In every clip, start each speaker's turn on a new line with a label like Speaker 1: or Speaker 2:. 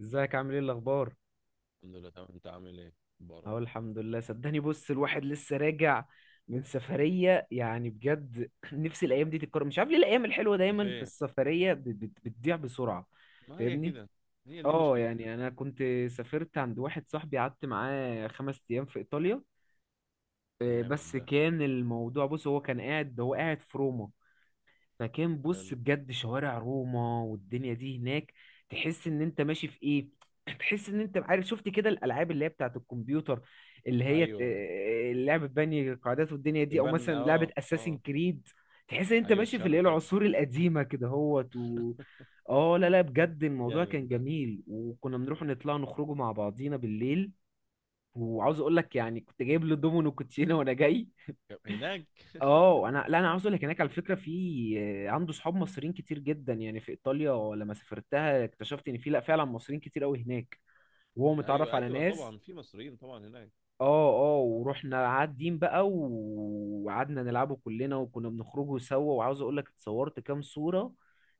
Speaker 1: ازيك؟ عامل ايه؟ الاخبار؟
Speaker 2: الحمد لله، تمام. انت عامل ايه؟ مبارك.
Speaker 1: اهو الحمد لله، صدقني بص الواحد لسه راجع من سفرية، يعني بجد. نفسي الايام دي تتكرر، مش عارف ليه الايام الحلوة
Speaker 2: انت
Speaker 1: دايما في
Speaker 2: فين؟
Speaker 1: السفرية بتضيع بسرعة.
Speaker 2: ما هي
Speaker 1: فاهمني؟
Speaker 2: كده. هي دي
Speaker 1: اه،
Speaker 2: مشكلتها.
Speaker 1: يعني انا كنت سافرت عند واحد صاحبي، قعدت معاه 5 ايام في ايطاليا. آه،
Speaker 2: جامد
Speaker 1: بس
Speaker 2: ده.
Speaker 1: كان الموضوع، بص هو كان قاعد هو قاعد في روما. لكن بص
Speaker 2: حلو.
Speaker 1: بجد شوارع روما والدنيا دي هناك، تحس ان انت ماشي في ايه، تحس ان انت، عارف، شفت كده الالعاب اللي هي بتاعت الكمبيوتر، اللي هي ت-
Speaker 2: ايوه،
Speaker 1: لعبة بني قاعدات والدنيا دي، او
Speaker 2: تبان.
Speaker 1: مثلا لعبة
Speaker 2: اه،
Speaker 1: اساسين
Speaker 2: اه.
Speaker 1: كريد. تحس ان انت
Speaker 2: ايوه،
Speaker 1: ماشي في
Speaker 2: الشعر
Speaker 1: الايه،
Speaker 2: بتاعتها.
Speaker 1: العصور القديمة كده هوت و اه، لا لا، بجد الموضوع
Speaker 2: جامد
Speaker 1: كان
Speaker 2: ده.
Speaker 1: جميل، وكنا بنروح نطلع نخرجوا مع بعضينا بالليل. وعاوز اقول لك يعني كنت جايب له دومينو كوتشينه وانا جاي.
Speaker 2: هناك.
Speaker 1: اه، انا، لا، انا عاوز اقول لك هناك على فكره في عنده صحاب مصريين كتير جدا. يعني في ايطاليا لما سافرتها اكتشفت ان في، لا فعلا، مصريين كتير قوي هناك، وهو متعرف
Speaker 2: ايوه،
Speaker 1: على
Speaker 2: ايوه،
Speaker 1: ناس.
Speaker 2: طبعا في مصريين طبعا هناك.
Speaker 1: اه اه ورحنا قاعدين بقى و- وقعدنا نلعبه كلنا، وكنا بنخرجوا سوا. وعاوز اقول لك اتصورت كام صوره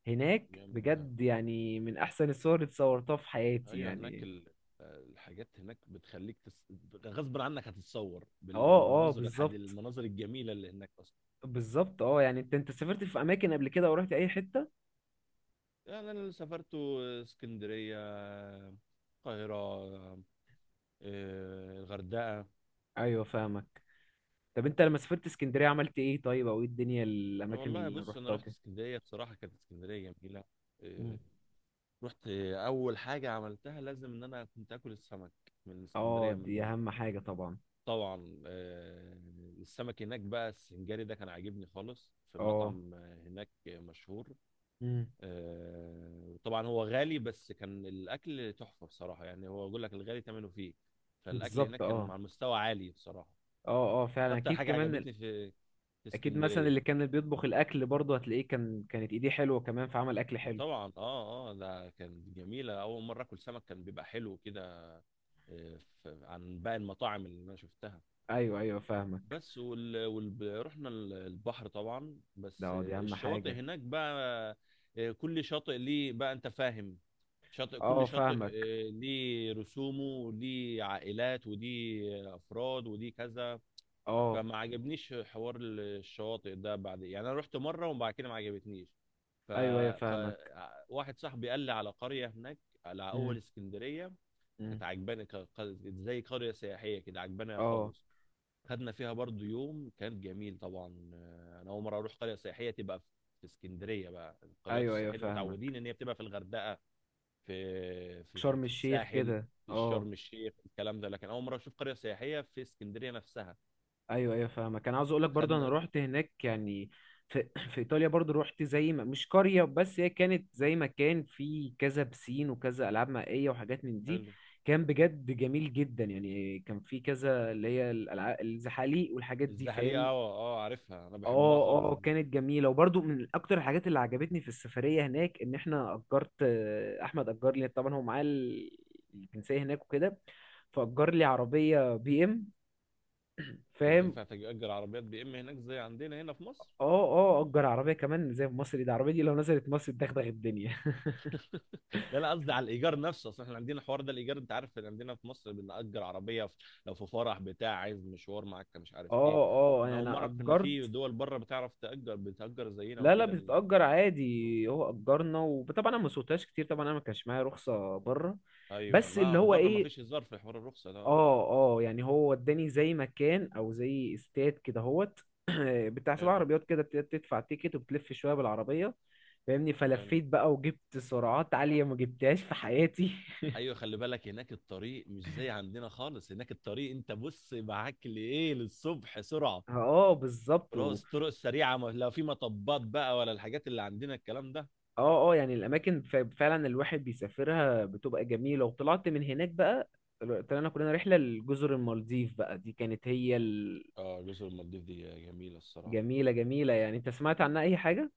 Speaker 1: هناك،
Speaker 2: جامد ده.
Speaker 1: بجد يعني من احسن الصور اللي اتصورتها في حياتي
Speaker 2: ايوه، هناك
Speaker 1: يعني.
Speaker 2: الحاجات هناك بتخليك غصب عنك هتتصور
Speaker 1: اه اه
Speaker 2: بالمناظر
Speaker 1: بالظبط.
Speaker 2: المناظر الجميله اللي هناك اصلا.
Speaker 1: بالظبط، اه يعني، انت سافرت في اماكن قبل كده ورحت اي حته؟
Speaker 2: يعني انا اللي سافرت اسكندريه، القاهره، الغردقه.
Speaker 1: ايوه فاهمك. طب انت لما سافرت اسكندريه عملت ايه طيب؟ او ايه الدنيا الاماكن
Speaker 2: والله
Speaker 1: اللي
Speaker 2: بص، انا
Speaker 1: رحتها
Speaker 2: رحت
Speaker 1: كده؟
Speaker 2: اسكندريه بصراحه، كانت اسكندريه جميله.
Speaker 1: مم.
Speaker 2: إيه، رحت اول حاجه عملتها لازم ان انا كنت اكل السمك من
Speaker 1: اه
Speaker 2: اسكندريه،
Speaker 1: دي
Speaker 2: من.
Speaker 1: اهم حاجه طبعا.
Speaker 2: طبعا. السمك هناك بقى السنجاري ده كان عاجبني خالص في
Speaker 1: اه،
Speaker 2: مطعم هناك مشهور.
Speaker 1: مم.
Speaker 2: وطبعا هو غالي، بس كان الاكل تحفه بصراحه، يعني هو بقول لك الغالي ثمنه فيه. فالاكل
Speaker 1: بالظبط
Speaker 2: هناك كان
Speaker 1: اه.
Speaker 2: على مستوى عالي بصراحه.
Speaker 1: اه اه
Speaker 2: ده
Speaker 1: فعلا،
Speaker 2: اكتر
Speaker 1: اكيد،
Speaker 2: حاجه عجبتني في
Speaker 1: اكيد مثلا اللي
Speaker 2: اسكندريه.
Speaker 1: كان بيطبخ الاكل برضه هتلاقيه كانت ايديه حلوه كمان، فعمل اكل حلو.
Speaker 2: طبعا. اه، اه. ده كانت جميله، اول مره اكل سمك كان بيبقى حلو كده. عن باقي المطاعم اللي انا شفتها.
Speaker 1: ايوه ايوه فاهمك.
Speaker 2: بس، رحنا البحر طبعا،
Speaker 1: ده
Speaker 2: بس
Speaker 1: اه، دي اهم
Speaker 2: الشواطئ
Speaker 1: حاجه.
Speaker 2: هناك بقى. كل شاطئ ليه بقى، انت فاهم، شاطئ،
Speaker 1: اه
Speaker 2: كل شاطئ
Speaker 1: فاهمك.
Speaker 2: ليه رسومه وليه عائلات ودي افراد ودي كذا.
Speaker 1: اه
Speaker 2: فما عجبنيش حوار الشواطئ ده بعد، يعني انا رحت مره وبعد كده ما عجبتنيش.
Speaker 1: ايوه ايوه فاهمك.
Speaker 2: فواحد صاحبي قال لي على قرية هناك على أول
Speaker 1: مم.
Speaker 2: اسكندرية.
Speaker 1: مم.
Speaker 2: كانت عجباني، زي قرية سياحية كده، عجباني
Speaker 1: اه
Speaker 2: خالص. خدنا فيها برضو يوم كان جميل طبعا. أنا أول مرة أروح قرية سياحية تبقى في اسكندرية بقى. القريات
Speaker 1: ايوه ايوه
Speaker 2: السياحية دي
Speaker 1: فاهمك.
Speaker 2: متعودين إن هي بتبقى في الغردقة، في في
Speaker 1: شرم
Speaker 2: في
Speaker 1: الشيخ
Speaker 2: الساحل،
Speaker 1: كده،
Speaker 2: في
Speaker 1: اه.
Speaker 2: شرم الشيخ الكلام ده، لكن أول مرة أشوف قرية سياحية في اسكندرية نفسها.
Speaker 1: ايوه ايوه فاهمك، كان عاوز اقول لك برضه انا
Speaker 2: خدنا.
Speaker 1: رحت هناك يعني في, في ايطاليا برضه. رحت زي ما، مش قريه، بس هي كانت زي ما كان في كذا بسين وكذا العاب مائيه وحاجات من دي.
Speaker 2: حلو.
Speaker 1: كان بجد جميل جدا، يعني كان في كذا اللي هي الالعاب، الزحاليق والحاجات دي،
Speaker 2: الزحلية،
Speaker 1: فاهم؟
Speaker 2: اه، اه، عارفها انا، بحبها
Speaker 1: اه
Speaker 2: خالص.
Speaker 1: اه كانت جميله. وبرضه من اكتر الحاجات اللي عجبتني في السفريه هناك ان احنا اجرت، احمد اجر لي طبعا هو معاه الجنسيه هناك وكده، فاجر لي عربيه بي ام،
Speaker 2: انت
Speaker 1: فاهم؟
Speaker 2: ينفع تأجر عربيات BM هناك زي عندنا هنا في مصر؟
Speaker 1: اه اه، اجر عربيه كمان زي في مصر، دي العربيه دي لو نزلت مصر تدغدغ الدنيا.
Speaker 2: لا، لا، قصدي على الايجار نفسه، اصل احنا عندنا الحوار ده، الايجار. انت عارف ان عندنا في مصر بنأجر عربيه لو في فرح بتاع عايز مشوار معاك مش عارف ايه.
Speaker 1: اه اه
Speaker 2: انا
Speaker 1: يعني
Speaker 2: اول مره
Speaker 1: انا
Speaker 2: اعرف ان في
Speaker 1: اجرت.
Speaker 2: دول بره بتعرف تأجر بتأجر زينا
Speaker 1: لا لا،
Speaker 2: وكده
Speaker 1: بتتأجر عادي، هو اجرنا، وطبعا انا ما سوقتهاش كتير طبعا، انا ما كانش معايا رخصة بره.
Speaker 2: ايوه،
Speaker 1: بس
Speaker 2: ما
Speaker 1: اللي هو
Speaker 2: بره ما
Speaker 1: ايه،
Speaker 2: فيش هزار في حوار الرخصه ده، اه.
Speaker 1: اه اه يعني هو وداني زي مكان او زي استاد كده هوت، بتاع سبع
Speaker 2: حلو.
Speaker 1: عربيات كده، بتدفع تيكت وبتلف شوية بالعربية، فاهمني؟
Speaker 2: حلو.
Speaker 1: فلفيت بقى وجبت سرعات عالية ما جبتهاش في حياتي.
Speaker 2: ايوه، خلي بالك، هناك الطريق مش زي عندنا خالص. هناك الطريق انت بص معاك لايه للصبح سرعه.
Speaker 1: اه بالظبط.
Speaker 2: طرق، الطرق السريعه لا في مطبات بقى ولا الحاجات اللي عندنا الكلام ده.
Speaker 1: اه اه يعني الاماكن، فعلا الواحد بيسافرها بتبقى جميله. وطلعت من هناك بقى، طلعنا كلنا رحله لجزر المالديف، بقى دي كانت هي الجميله.
Speaker 2: اه، جزر المالديف دي جميلة الصراحة.
Speaker 1: جميله جميله. يعني انت سمعت عنها اي حاجه؟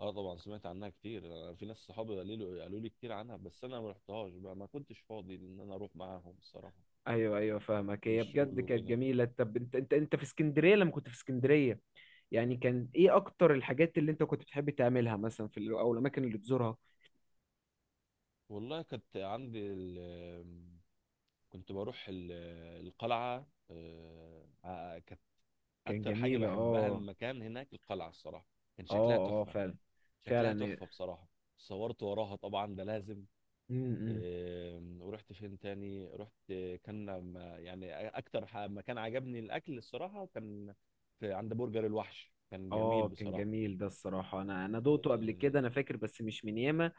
Speaker 2: اه، طبعا سمعت عنها كتير. أنا في ناس صحابي قالوا لي كتير عنها، بس انا ما رحتهاش بقى، ما كنتش فاضي ان انا اروح معاهم الصراحة.
Speaker 1: ايوه ايوه فاهمك.
Speaker 2: من
Speaker 1: هي
Speaker 2: الشغل
Speaker 1: بجد كانت
Speaker 2: وكده.
Speaker 1: جميله. طب انت، انت في اسكندريه، لما كنت في اسكندريه، يعني كان ايه اكتر الحاجات اللي انت كنت بتحب تعملها مثلا او الاماكن اللي تزورها؟
Speaker 2: والله كنت عندي كنت بروح القلعة. كانت
Speaker 1: كان
Speaker 2: اكتر حاجة
Speaker 1: جميله،
Speaker 2: بحبها
Speaker 1: اه.
Speaker 2: المكان هناك القلعة الصراحة. كان شكلها
Speaker 1: اه
Speaker 2: تحفة.
Speaker 1: فعلا.
Speaker 2: شكلها
Speaker 1: فعلا.
Speaker 2: تحفة بصراحة. صورت وراها طبعا، ده لازم.
Speaker 1: م- م.
Speaker 2: ورحت فين تاني؟ رحت. كان يعني اكتر مكان عجبني الاكل الصراحه كان في عند برجر الوحش، كان جميل
Speaker 1: اه كان
Speaker 2: بصراحه.
Speaker 1: جميل ده الصراحة، انا دوقته قبل كده،
Speaker 2: اه.
Speaker 1: انا فاكر، بس مش من ياما.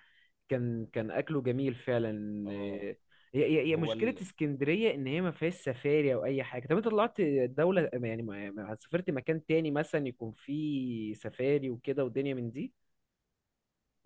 Speaker 1: كان اكله جميل فعلا،
Speaker 2: آه،
Speaker 1: إيه، هي
Speaker 2: هو
Speaker 1: مشكلة اسكندرية ان هي ما فيهاش سفاري او اي حاجة. طب انت طلعت دولة يعني، سافرت مكان تاني مثلا يكون فيه سفاري وكده ودنيا من دي؟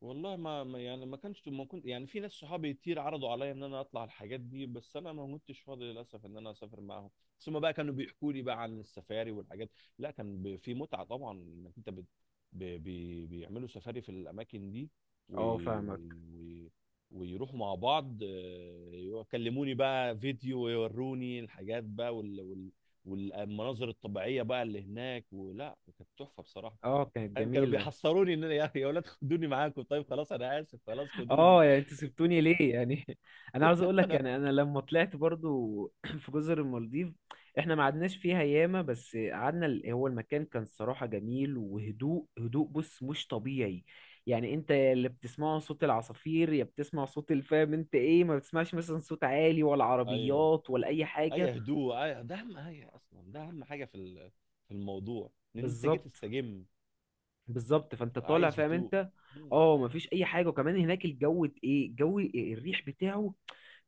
Speaker 2: والله يعني ما كانش، ما كنت يعني، في ناس صحابي كتير عرضوا عليا ان انا اطلع الحاجات دي، بس انا ما كنتش فاضي للاسف ان انا اسافر معاهم. ثم بقى كانوا بيحكوا لي بقى عن السفاري والحاجات. لا، كان في متعة طبعا انك انت بيعملوا سفاري في الاماكن دي و...
Speaker 1: اه فاهمك.
Speaker 2: و... و... ويروحوا مع بعض، يكلموني بقى فيديو ويوروني الحاجات بقى والمناظر الطبيعية بقى اللي هناك، ولا كانت تحفة بصراحة.
Speaker 1: اه كانت
Speaker 2: فاهم، كانوا
Speaker 1: جميلة.
Speaker 2: بيحصروني ان انا، يا اخي يا اولاد خدوني معاكم، طيب خلاص انا اسف خلاص خدوني.
Speaker 1: اه يعني انتوا سبتوني ليه يعني؟ انا عاوز اقول لك
Speaker 2: انا،
Speaker 1: يعني انا لما طلعت برضو في جزر المالديف، احنا ما قعدناش فيها ياما بس قعدنا هو المكان كان صراحة جميل، وهدوء هدوء بص مش طبيعي. يعني انت يا اللي بتسمعه صوت العصافير، يا بتسمع صوت الفام، انت ايه، ما بتسمعش مثلا صوت عالي ولا
Speaker 2: ايوه.
Speaker 1: عربيات ولا اي حاجة.
Speaker 2: اي هدوء، ده اهم حاجه اصلا، ده اهم حاجه في في الموضوع، ان انت جيت
Speaker 1: بالظبط.
Speaker 2: تستجم،
Speaker 1: بالظبط، فانت طالع
Speaker 2: عايز
Speaker 1: فاهم
Speaker 2: هدوء.
Speaker 1: انت،
Speaker 2: مم.
Speaker 1: اه مفيش اي حاجة. وكمان هناك الجو، ايه، الجو الريح بتاعه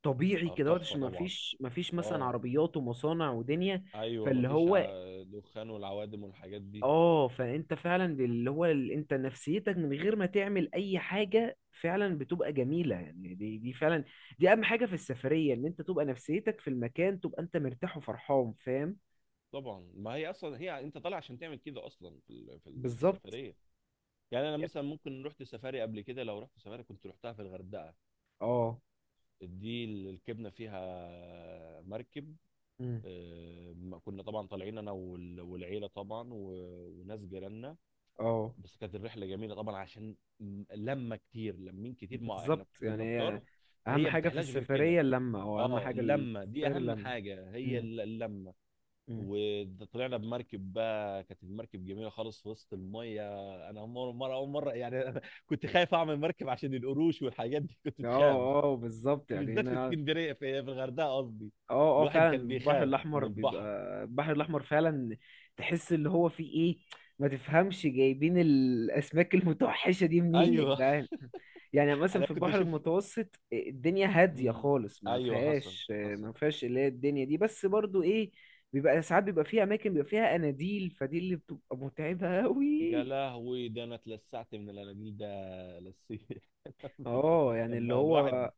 Speaker 1: طبيعي
Speaker 2: اه،
Speaker 1: كده
Speaker 2: تحفه
Speaker 1: عشان ما
Speaker 2: طبعا.
Speaker 1: فيش ما فيش مثلا
Speaker 2: اه.
Speaker 1: عربيات ومصانع ودنيا.
Speaker 2: ايوه
Speaker 1: فاللي
Speaker 2: مفيش
Speaker 1: هو،
Speaker 2: دخان والعوادم والحاجات دي.
Speaker 1: اه فانت فعلا، اللي هو انت نفسيتك من غير ما تعمل اي حاجه فعلا بتبقى جميله. يعني دي فعلا دي اهم حاجه في السفريه، ان انت تبقى نفسيتك في المكان، تبقى انت مرتاح وفرحان، فاهم؟
Speaker 2: طبعا، ما هي اصلا هي انت طالع عشان تعمل كده اصلا في
Speaker 1: بالظبط
Speaker 2: السفريه. يعني انا مثلا ممكن رحت سفاري قبل كده، لو رحت سفاري كنت رحتها في الغردقه.
Speaker 1: اه.
Speaker 2: دي الكبنه فيها مركب.
Speaker 1: مم.
Speaker 2: كنا طبعا طالعين، انا والعيله طبعا وناس جيراننا.
Speaker 1: اه
Speaker 2: بس كانت الرحله جميله طبعا عشان لما كتير لمين كتير، ما احنا
Speaker 1: بالظبط. يعني
Speaker 2: كنا
Speaker 1: هي
Speaker 2: كتار.
Speaker 1: اهم
Speaker 2: فهي
Speaker 1: حاجه في
Speaker 2: بتحلاش غير كده.
Speaker 1: السفريه اللمه، او اهم
Speaker 2: اه،
Speaker 1: حاجه
Speaker 2: اللمه دي
Speaker 1: السفرية
Speaker 2: اهم
Speaker 1: اللمه.
Speaker 2: حاجه، هي
Speaker 1: مم.
Speaker 2: اللمه.
Speaker 1: مم.
Speaker 2: وطلعنا بمركب بقى، كانت المركب جميله خالص في وسط الميه. انا مره مره اول مره يعني. أنا كنت خايف اعمل مركب عشان القروش والحاجات دي، كنت بخاف.
Speaker 1: اه اه بالظبط يعني
Speaker 2: بالذات في
Speaker 1: انا.
Speaker 2: اسكندريه، في الغردقه قصدي.
Speaker 1: اه اه
Speaker 2: الواحد
Speaker 1: فعلا
Speaker 2: كان
Speaker 1: البحر
Speaker 2: بيخاف من
Speaker 1: الاحمر بيبقى،
Speaker 2: البحر.
Speaker 1: البحر الاحمر فعلا تحس اللي هو فيه ايه. ما تفهمش جايبين الاسماك المتوحشه دي منين يا
Speaker 2: ايوه.
Speaker 1: جدعان. يعني مثلا
Speaker 2: انا
Speaker 1: في
Speaker 2: كنت
Speaker 1: البحر
Speaker 2: اشوف.
Speaker 1: المتوسط الدنيا هاديه
Speaker 2: مم.
Speaker 1: خالص، ما
Speaker 2: ايوه، حصل.
Speaker 1: فيهاش
Speaker 2: حصل.
Speaker 1: ما فيهاش اللي هي الدنيا دي، بس برضو ايه، بيبقى ساعات بيبقى فيها اماكن بيبقى فيها اناديل، فدي اللي بتبقى متعبه
Speaker 2: يا
Speaker 1: قوي.
Speaker 2: لهوي، ده انا اتلسعت من الاناديل ده لسيه.
Speaker 1: اه يعني اللي
Speaker 2: لما
Speaker 1: هو
Speaker 2: الواحد.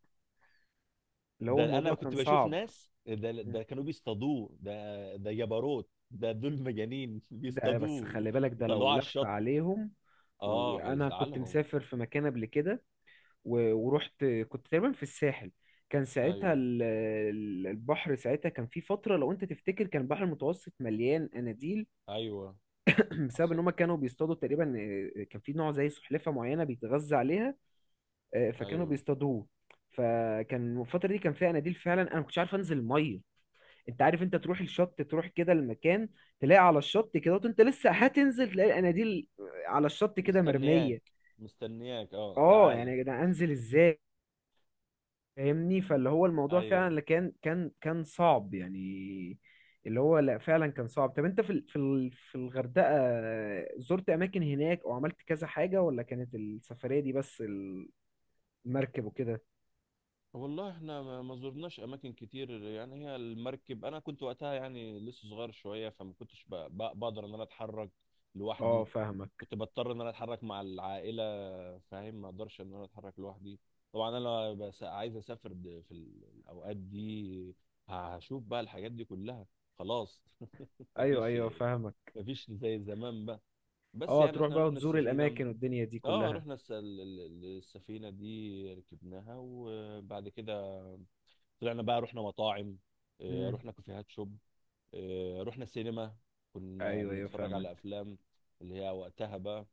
Speaker 1: اللي هو
Speaker 2: ده انا
Speaker 1: الموضوع كان
Speaker 2: كنت بشوف
Speaker 1: صعب.
Speaker 2: ناس، ده ده كانوا بيصطادوه، ده ده جبروت، ده دول مجانين.
Speaker 1: ده بس
Speaker 2: بيصطادوه
Speaker 1: خلي بالك ده
Speaker 2: وطلعوه
Speaker 1: لو
Speaker 2: على
Speaker 1: لف
Speaker 2: الشط.
Speaker 1: عليهم.
Speaker 2: اه،
Speaker 1: وانا كنت
Speaker 2: هيزعلهم.
Speaker 1: مسافر في مكان قبل كده، و- ورحت كنت تقريبا في الساحل. كان ساعتها
Speaker 2: ايوه،
Speaker 1: البحر ساعتها كان في فترة، لو انت تفتكر كان البحر المتوسط مليان اناديل
Speaker 2: ايوه
Speaker 1: بسبب ان
Speaker 2: حصل.
Speaker 1: هم كانوا بيصطادوا تقريبا، كان في نوع زي سلحفاة معينة بيتغذى عليها، فكانوا
Speaker 2: ايوه،
Speaker 1: بيصطادوه. فكان الفترة دي كان فيها اناديل فعلا، انا ما كنتش عارف انزل المية. انت عارف انت تروح الشط، تروح كده المكان، تلاقي على الشط كده، وانت لسه هتنزل تلاقي الاناديل على الشط كده
Speaker 2: مستنياك،
Speaker 1: مرمية.
Speaker 2: مستنياك، اه
Speaker 1: اه يعني
Speaker 2: تعالى.
Speaker 1: يا جدعان انزل ازاي، فاهمني؟ فاللي هو الموضوع فعلا،
Speaker 2: ايوه.
Speaker 1: اللي كان صعب يعني. اللي هو لا فعلا كان صعب. طب انت في الغردقة، زرت اماكن هناك او عملت كذا حاجة، ولا كانت السفرية دي بس المركب وكده؟
Speaker 2: والله احنا ما زرناش اماكن كتير، يعني هي المركب انا كنت وقتها يعني لسه صغير شويه، فما كنتش بقدر ان انا اتحرك
Speaker 1: اه
Speaker 2: لوحدي.
Speaker 1: فاهمك.
Speaker 2: كنت بضطر ان انا اتحرك مع العائله. فاهم، ما اقدرش ان انا اتحرك لوحدي. طبعا انا بس عايز اسافر في الاوقات دي، هشوف بقى الحاجات دي كلها خلاص.
Speaker 1: ايوه
Speaker 2: مفيش
Speaker 1: ايوه فاهمك.
Speaker 2: مفيش زي زمان بقى. بس
Speaker 1: اه
Speaker 2: يعني
Speaker 1: تروح
Speaker 2: احنا
Speaker 1: بقى
Speaker 2: رحنا
Speaker 1: وتزور
Speaker 2: السفينه.
Speaker 1: الاماكن والدنيا دي
Speaker 2: اه،
Speaker 1: كلها.
Speaker 2: رحنا السفينه دي ركبناها، وبعد كده طلعنا بقى، رحنا مطاعم،
Speaker 1: امم
Speaker 2: رحنا كافيهات شوب، رحنا سينما، كنا
Speaker 1: ايوه ايوه
Speaker 2: بنتفرج على
Speaker 1: فاهمك.
Speaker 2: افلام اللي هي وقتها بقى.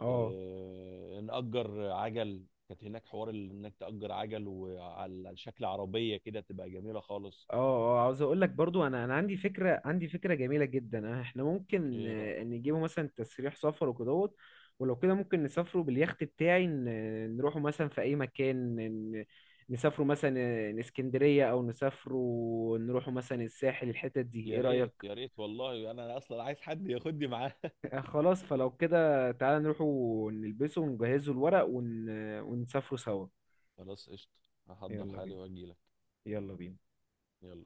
Speaker 1: اه
Speaker 2: نأجر عجل، كانت هناك حوار انك تأجر عجل وعلى شكل عربية كده، تبقى جميلة خالص.
Speaker 1: اه اه عاوز اقول لك برضو، انا عندي فكره، عندي فكره جميله جدا. احنا ممكن،
Speaker 2: ايه رأيك؟
Speaker 1: نجيبه مثلا تسريح سفر وكدهوت. ولو كده ممكن نسافروا باليخت بتاعي، نروحوا مثلا في اي مكان، ن- نسافروا مثلا، اسكندريه، او نسافروا نروحوا مثلا الساحل، الحتت دي،
Speaker 2: يا
Speaker 1: ايه
Speaker 2: ريت،
Speaker 1: رايك؟
Speaker 2: يا ريت والله، انا اصلا عايز حد ياخدني معاه.
Speaker 1: خلاص. فلو كده تعالى نروحوا نلبسه ونجهزوا الورق، ون... آه، ونسافروا سوا.
Speaker 2: خلاص، قشطة. هحضر
Speaker 1: يلا
Speaker 2: حالي
Speaker 1: بينا.
Speaker 2: واجيلك.
Speaker 1: يلا بينا.
Speaker 2: يلا.